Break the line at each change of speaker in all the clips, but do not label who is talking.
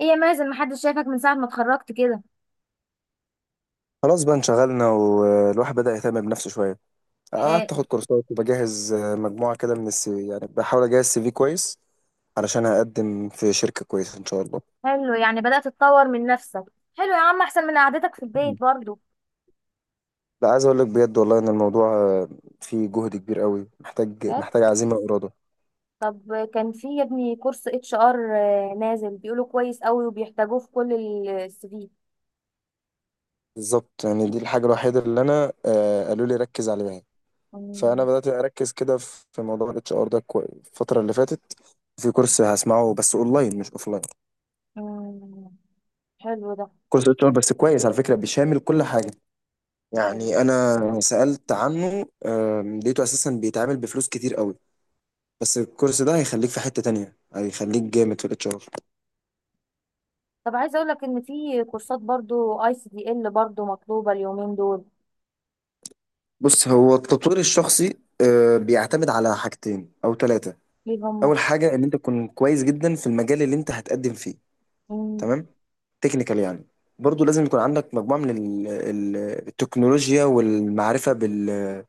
ايه يا مازل، ما حد شايفك من ساعة ما اتخركت كده.
خلاص بقى انشغلنا، والواحد بدأ يهتم بنفسه شوية.
اه.
قعدت اخد كورسات وبجهز، مجموعة كده من السي، يعني بحاول اجهز سي في كويس علشان هقدم في شركة كويسة ان شاء الله.
حلو، يعني بدأت اتطور من نفسك. حلو يا عم، احسن من اعادتك في البيت
مم.
برضو.
لا، عايز اقول لك بجد والله ان الموضوع فيه جهد كبير قوي، محتاج
كده؟
محتاج عزيمة وإرادة.
طب اه، كان فيه ابني كرس اتش ار نازل بيقوله كويس قوي وبيحتاجه في كل السديد.
بالظبط، يعني دي الحاجة الوحيدة اللي انا قالوا لي ركز عليها، فانا بدأت اركز كده في موضوع الاتش ار ده الفترة اللي فاتت في كورس هسمعه، بس اونلاين مش اوفلاين.
حلو ده.
كورس اتش ار بس كويس على فكرة، بيشامل كل حاجة.
حلو.
يعني انا سألت عنه، لقيته اساسا بيتعامل بفلوس كتير قوي. بس الكورس ده هيخليك في حتة تانية، هيخليك جامد في الاتش ار.
طب عايز اقولك ان فيه كرسات برضو اي سي دي ال برضو مطلوبة اليومين دول.
بص، هو التطوير الشخصي بيعتمد على حاجتين او ثلاثة.
ليه هم؟
اول حاجة ان انت تكون كويس جدا في المجال اللي انت هتقدم فيه، تمام؟ تكنيكال يعني. برضو لازم يكون عندك مجموعة من التكنولوجيا، والمعرفة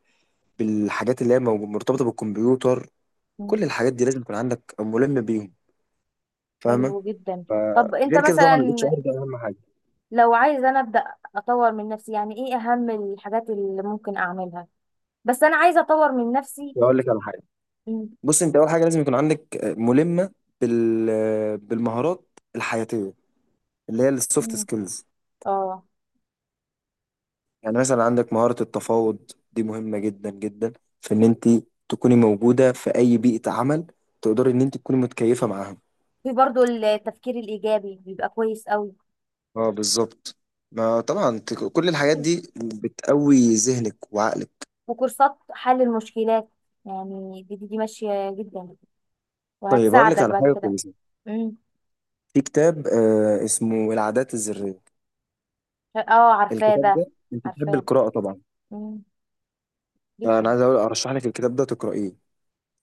بالحاجات اللي هي مرتبطة بالكمبيوتر. كل الحاجات دي لازم يكون عندك ملم بيهم، فاهمة؟
حلو جدا. طب انت
فغير كده
مسلا،
طبعا الاتش ار
اه،
ده اهم حاجه.
لو عايزة انا ابدا اطور من نفسي، يعني ايه اهم الحاجات اللي ممكن اعملها؟ بس انا عايزة اطور من نفسي.
اقول لك على حاجه.
م-
بص، انت اول حاجه لازم يكون عندك ملمه بالمهارات الحياتيه، اللي هي السوفت
م-
سكيلز.
اه،
يعني مثلا عندك مهاره التفاوض، دي مهمه جدا جدا في ان انت تكوني موجوده في اي بيئه عمل، تقدري ان انت تكوني متكيفه معاها.
في برضو التفكير الايجابي بيبقى كويس قوي،
اه، بالظبط. ما طبعا، كل الحاجات دي بتقوي ذهنك وعقلك.
وكورسات حل المشكلات. يعني دي ماشية جدا
طيب، هقول لك
وهتساعدك
على
بعد
حاجه
كده.
كويسه.
امم،
في كتاب اسمه العادات الذريه.
اه عارفاه
الكتاب
ده،
ده، انت بتحب
عارفاه.
القراءه طبعا.
امم،
انا
جدا.
عايز اقول، ارشح لك الكتاب ده تقرأيه.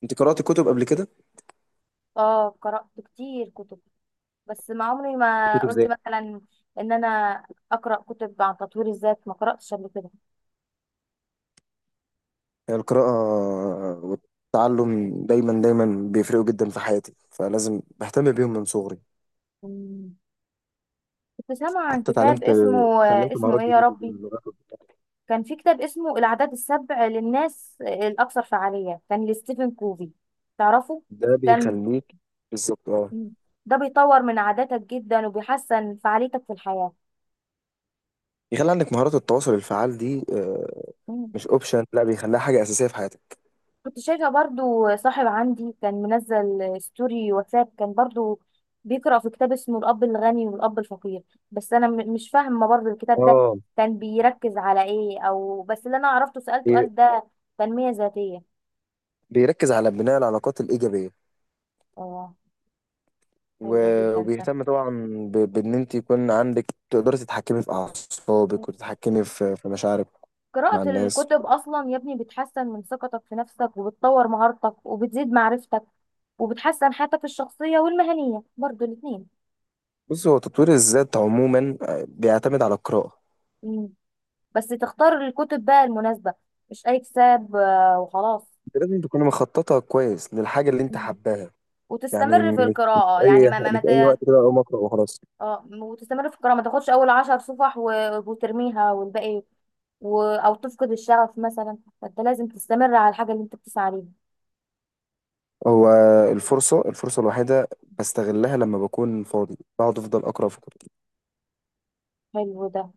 انت قرأت كتب قبل كده،
اه قرأت كتير كتب، بس ما عمري ما
كتب
قلت
زي.
مثلا ان انا اقرأ كتب عن تطوير الذات، ما قرأتش قبل كده.
هي القراءة والتعلم دايما دايما بيفرقوا جدا في حياتي، فلازم بهتم بيهم من صغري.
مم. كنت سامعة عن
حتى
كتاب
اتعلمت
اسمه،
اتعلمت
اسمه
مهارات
ايه يا
جديدة زي
ربي؟
اللغات وبتاع.
كان في كتاب اسمه العادات السبع للناس الأكثر فعالية، كان لستيفن كوفي، تعرفه؟
ده
كان
بيخليك بالظبط، اه،
ده بيطور من عاداتك جدا وبيحسن فعاليتك في الحياة.
يخلي عندك مهارات التواصل الفعال دي.
مم.
مش اوبشن، لا، بيخليها حاجة أساسية في حياتك.
كنت شايفة برضو صاحب عندي كان منزل ستوري واتساب، كان برضو بيقرأ في كتاب اسمه الأب الغني والأب الفقير. بس أنا مش فاهمة برضو الكتاب ده
اه،
كان بيركز على ايه، أو بس اللي أنا عرفته سألته
بي-
قال ده تنمية ذاتية.
بيركز على بناء العلاقات الإيجابية،
حلو جدا ده.
وبيهتم طبعا بان انت يكون عندك، تقدري تتحكمي في اعصابك وتتحكمي في مشاعرك مع
قراءة
الناس.
الكتب أصلا يا ابني بتحسن من ثقتك في نفسك وبتطور مهارتك وبتزيد معرفتك وبتحسن حياتك الشخصية والمهنية برضو الاتنين.
بص، هو تطوير الذات عموما بيعتمد على القراءة.
مم. بس تختار الكتب بقى المناسبة، مش أي كتاب وخلاص.
انت لازم تكوني مخططة كويس للحاجة اللي انت
مم.
حباها. يعني
وتستمر في
مش،
القراءة، يعني ما ما ما
مش اي
ت-
وقت كده اقوم اقرا وخلاص.
اه وتستمر في القراءة، ما تاخدش أول عشر صفح وترميها والباقي أو تفقد الشغف مثلا، فأنت لازم تستمر على الحاجة اللي أنت بتسعى ليها.
هو الفرصة الوحيدة بستغلها لما بكون فاضي، بقعد افضل اقرا في كتب.
حلو ده.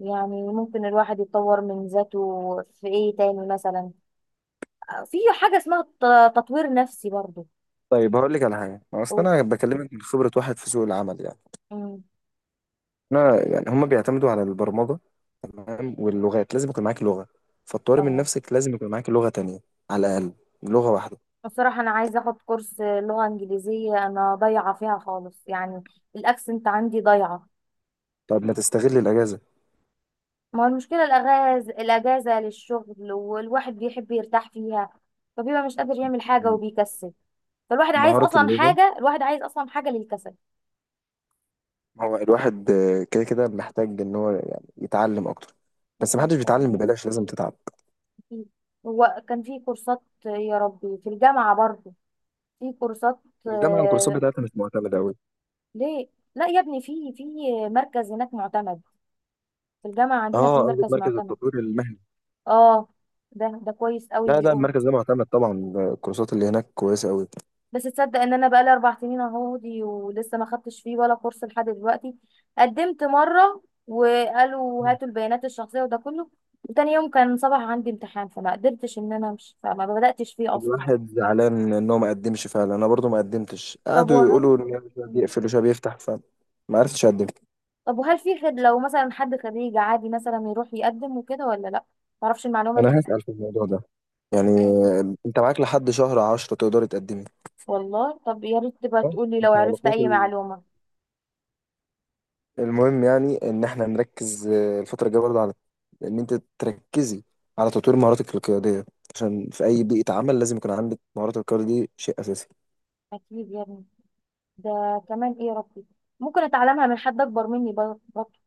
يعني ممكن الواحد يتطور من ذاته في ايه تاني مثلا؟ في حاجة اسمها تطوير نفسي برضو.
طيب هقول لك على حاجة. اصل
أو-
انا بكلمك من خبرة واحد في سوق العمل يعني.
أمم،
احنا يعني هم بيعتمدوا على البرمجة، تمام؟ واللغات لازم يكون معاك لغة. فالطوارئ من
اه.
نفسك، لازم يكون معاك لغة تانية، على الأقل لغة واحدة.
بصراحة انا عايزة اخد كورس لغة انجليزية، انا ضايعة فيها خالص يعني، الاكسنت عندي ضايعة.
طب ما تستغل الأجازة؟
ما هو المشكلة الاجازة، الاجازة للشغل والواحد بيحب يرتاح فيها، فبيبقى مش قادر يعمل حاجة وبيكسل. فالواحد عايز
مهارة
اصلا
اللغة.
حاجة، الواحد عايز اصلا حاجة للكسل.
هو الواحد كده كده محتاج إن هو يعني يتعلم أكتر، بس
أكيد
محدش
طبعا.
بيتعلم ببلاش، لازم تتعب.
أكيد. هو كان في كورسات يا ربي في الجامعة برضو، في كورسات.
والجامعة الكورسات
آه،
بتاعتها مش معتمدة أوي.
ليه؟ لا يا ابني، في مركز هناك معتمد، في الجامعة عندنا في
اه، قصدك
مركز
مركز
معتمد.
التطوير المهني؟
اه، ده ده كويس قوي
لا، لا،
بيقولوا.
المركز ده معتمد طبعا. الكورسات اللي هناك كويسة أوي.
بس تصدق ان انا بقالي اربع سنين اهو دي ولسه ما خدتش فيه ولا كورس لحد دلوقتي. قدمت مرة وقالوا هاتوا البيانات الشخصية وده كله، وتاني يوم كان صباح عندي امتحان فما قدرتش ان انا امشي فما بدأتش فيه اصلا.
الواحد زعلان ان هو ما قدمش فعلا، انا برضو ما قدمتش،
طب
قعدوا يقولوا ان
وهل
هو شويه بيقفل وشويه بيفتح، فما عرفتش اقدم.
طب وهل في خد، لو مثلا حد خريج عادي مثلا يروح يقدم وكده ولا لا؟ معرفش المعلومة دي.
انا هسأل في الموضوع ده. يعني
تمام.
انت معاك لحد شهر عشرة، تقدر تقدمي.
والله طب يا ريت تبقى
اه،
تقولي لو
انت
عرفت
علاقات
اي معلومة.
المهم، يعني ان احنا نركز الفتره الجايه برضه على ان انت تركزي على تطوير مهاراتك القياديه، عشان في اي بيئه عمل لازم يكون عندك مهارات القياده، دي شيء اساسي.
اكيد يا ابني. ده كمان ايه يا ربي ممكن اتعلمها من حد اكبر مني برضه؟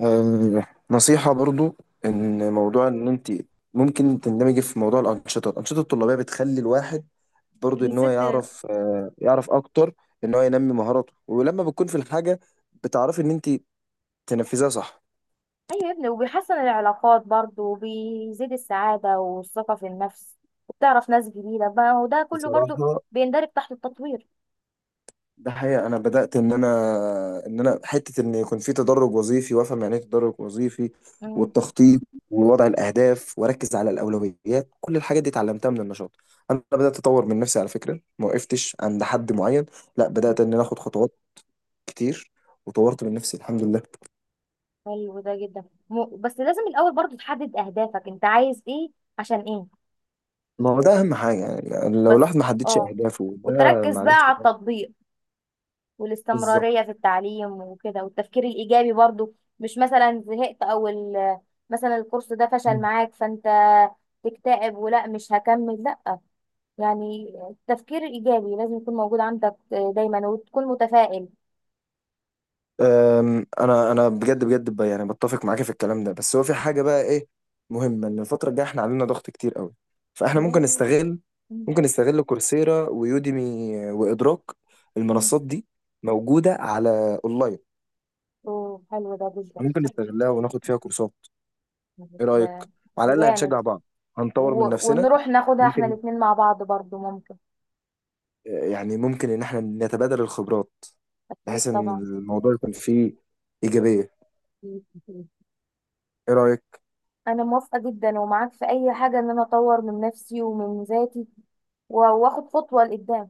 آه، نصيحة برضو،
مم.
إن موضوع إن أنت ممكن تندمجي في موضوع الأنشطة الطلابية. بتخلي الواحد برضو إن هو
بيزيد.
يعرف، يعرف أكتر، إن هو ينمي مهاراته، ولما بتكون في الحاجة بتعرفي إن أنت تنفذيها صح.
ايوه يا ابني، وبيحسن العلاقات برضه وبيزيد السعادة والثقة في النفس، وبتعرف ناس جديدة بقى، وده كله برضه
بصراحة
بيندرج تحت التطوير.
ده حقيقة. أنا بدأت إن أنا، حتة إن يكون في تدرج وظيفي، وأفهم يعني إيه تدرج وظيفي،
مم.
والتخطيط ووضع الأهداف، وأركز على الأولويات. كل الحاجات دي اتعلمتها من النشاط. أنا بدأت أطور من نفسي على فكرة، ما وقفتش عند حد معين، لا بدأت إن أنا آخد خطوات كتير، وطورت من نفسي الحمد لله.
حلو ده جدا. بس لازم الاول برضه تحدد اهدافك، انت عايز ايه؟ عشان ايه؟
ما هو ده أهم حاجة، يعني يعني لو
بس
الواحد ما حددش
اه،
أهدافه ده
وتركز بقى
معلش
على
ده،
التطبيق
بالظبط.
والاستمرارية في التعليم وكده، والتفكير الإيجابي برضو. مش مثلا زهقت أو مثلا الكورس ده فشل معاك فأنت تكتئب ولا مش هكمل، لا. يعني التفكير الإيجابي لازم يكون موجود عندك دايما وتكون متفائل.
انا بجد بجد، يعني بتفق معاك في الكلام ده. بس هو في حاجه بقى، ايه؟ مهمه، ان الفتره الجايه احنا علينا ضغط كتير قوي، فاحنا ممكن
والله،
نستغل،
مم،
كورسيرا ويوديمي وادراك.
مم.
المنصات دي موجوده على اونلاين.
أوه، حلو ده جدا.
ممكن نستغلها وناخد فيها كورسات، ايه
ده
رايك؟
ده
على الاقل
جامد.
هنشجع بعض، هنطور
و...
من نفسنا.
ونروح ناخدها احنا
ممكن،
الاتنين مع بعض برضو، ممكن.
يعني ممكن ان احنا نتبادل الخبرات،
أكيد
بحيث ان
طبعا.
الموضوع يكون فيه ايجابيه.
أكيد.
ايه رايك؟
انا موافقه جدا، ومعاك في اي حاجه ان انا اطور من نفسي ومن ذاتي واخد خطوه لقدام.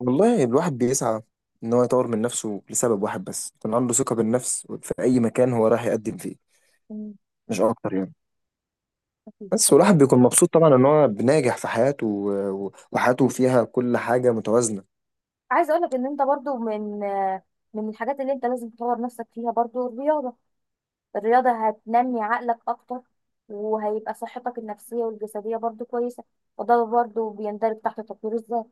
والله الواحد بيسعى ان هو يطور من نفسه لسبب واحد بس، يكون عنده ثقة بالنفس في اي مكان هو راح يقدم فيه،
مم،
مش اكتر يعني.
أكيد
بس
طبعا.
والواحد بيكون مبسوط طبعا ان هو بناجح في حياته وحياته فيها كل حاجة متوازنة.
عايزه اقول لك ان انت برضو من الحاجات اللي انت لازم تطور نفسك فيها برضو الرياضه. الرياضه هتنمي عقلك اكتر، وهيبقى صحتك النفسيه والجسديه برضو كويسه، وده برضو بيندرج تحت تطوير الذات.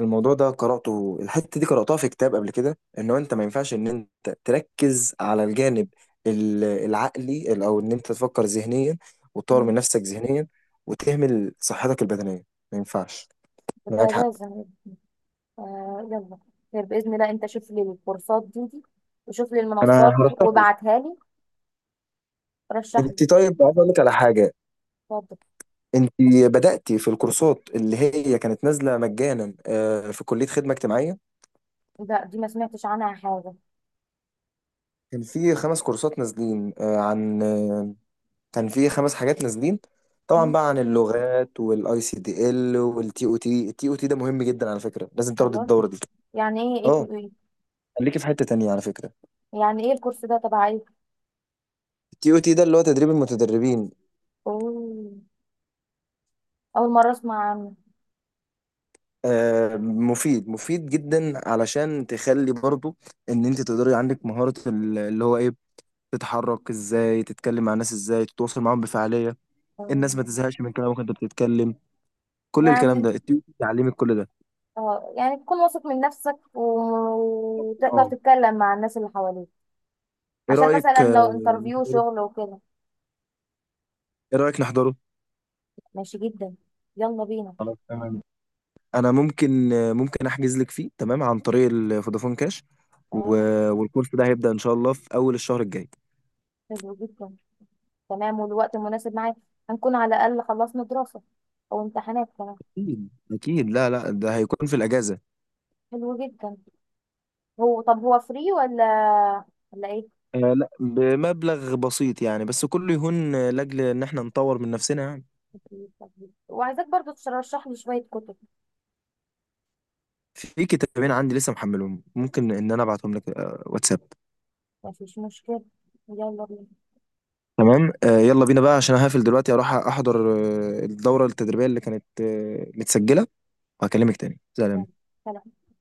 الموضوع ده قرأته، الحتة دي قرأتها في كتاب قبل كده، ان هو انت ما ينفعش ان انت تركز على الجانب العقلي، او ان انت تفكر ذهنيا وتطور من
مم،
نفسك ذهنيا وتهمل صحتك البدنية، ما ينفعش. معاك
فده
حق.
لازم. آه يلا، خير باذن الله. انت شوف لي الكورسات دي وشوف لي
انا
المنصات
هرشح لك.
وابعتها لي. رشح لي.
انت، طيب عايز اقول لك على حاجة.
اتفضل.
انت بدأتي في الكورسات اللي هي كانت نازلة مجانا، في كلية خدمة اجتماعية.
لا دي ما سمعتش عنها حاجة.
كان في خمس كورسات نازلين، آه، عن آه، كان في خمس حاجات نازلين، طبعا
مم.
بقى عن اللغات والاي سي دي ال والتي او تي. التي او تي ده مهم جدا على فكرة، لازم تاخد
والله،
الدورة دي.
يعني ايه ايه تو
اه،
ايه؟
خليكي في حتة تانية على فكرة.
يعني ايه الكورس ده تبع ايه؟
التي او تي ده اللي هو تدريب المتدربين.
أوه. اول مرة اسمع عنه.
مفيد مفيد جدا، علشان تخلي برضو ان انت تقدري عندك مهارة اللي هو ايه، تتحرك ازاي، تتكلم مع الناس ازاي، تتواصل معاهم بفعالية.
أوه.
الناس ما تزهقش من كلامك انت بتتكلم. كل الكلام ده
يعني
التيوب تعلمك كل ده.
اه، يعني تكون واثق من نفسك وتقدر
اه.
تتكلم مع الناس اللي حواليك،
ايه
عشان
رأيك
مثلا
آه،
لو انترفيو
نحضره
شغل وكده.
ايه رأيك نحضره؟
ماشي جدا، يلا بينا.
خلاص تمام. انا ممكن احجز لك فيه، تمام؟ عن طريق الفودافون كاش. و...
تمام.
والكورس ده هيبدأ ان شاء الله في اول الشهر الجاي.
حلو جدا. تمام، والوقت المناسب معاك، هنكون على الاقل خلصنا دراسة او امتحانات كمان.
اكيد، اكيد. لا، لا، ده هيكون في الاجازة.
حلو جدا. هو طب هو فري ولا ايه؟
آه لا، بمبلغ بسيط يعني، بس كله يهون لاجل ان احنا نطور من نفسنا يعني.
وعايزاك برضو ترشح لي شوية كتب.
في كتابين عندي لسه محملهم، ممكن ان انا ابعتهم لك واتساب.
مفيش مشكلة. يلا
تمام، يلا بينا بقى، عشان هقفل دلوقتي اروح احضر الدورة التدريبية اللي كانت متسجلة، وهكلمك تاني، سلام.
بينا.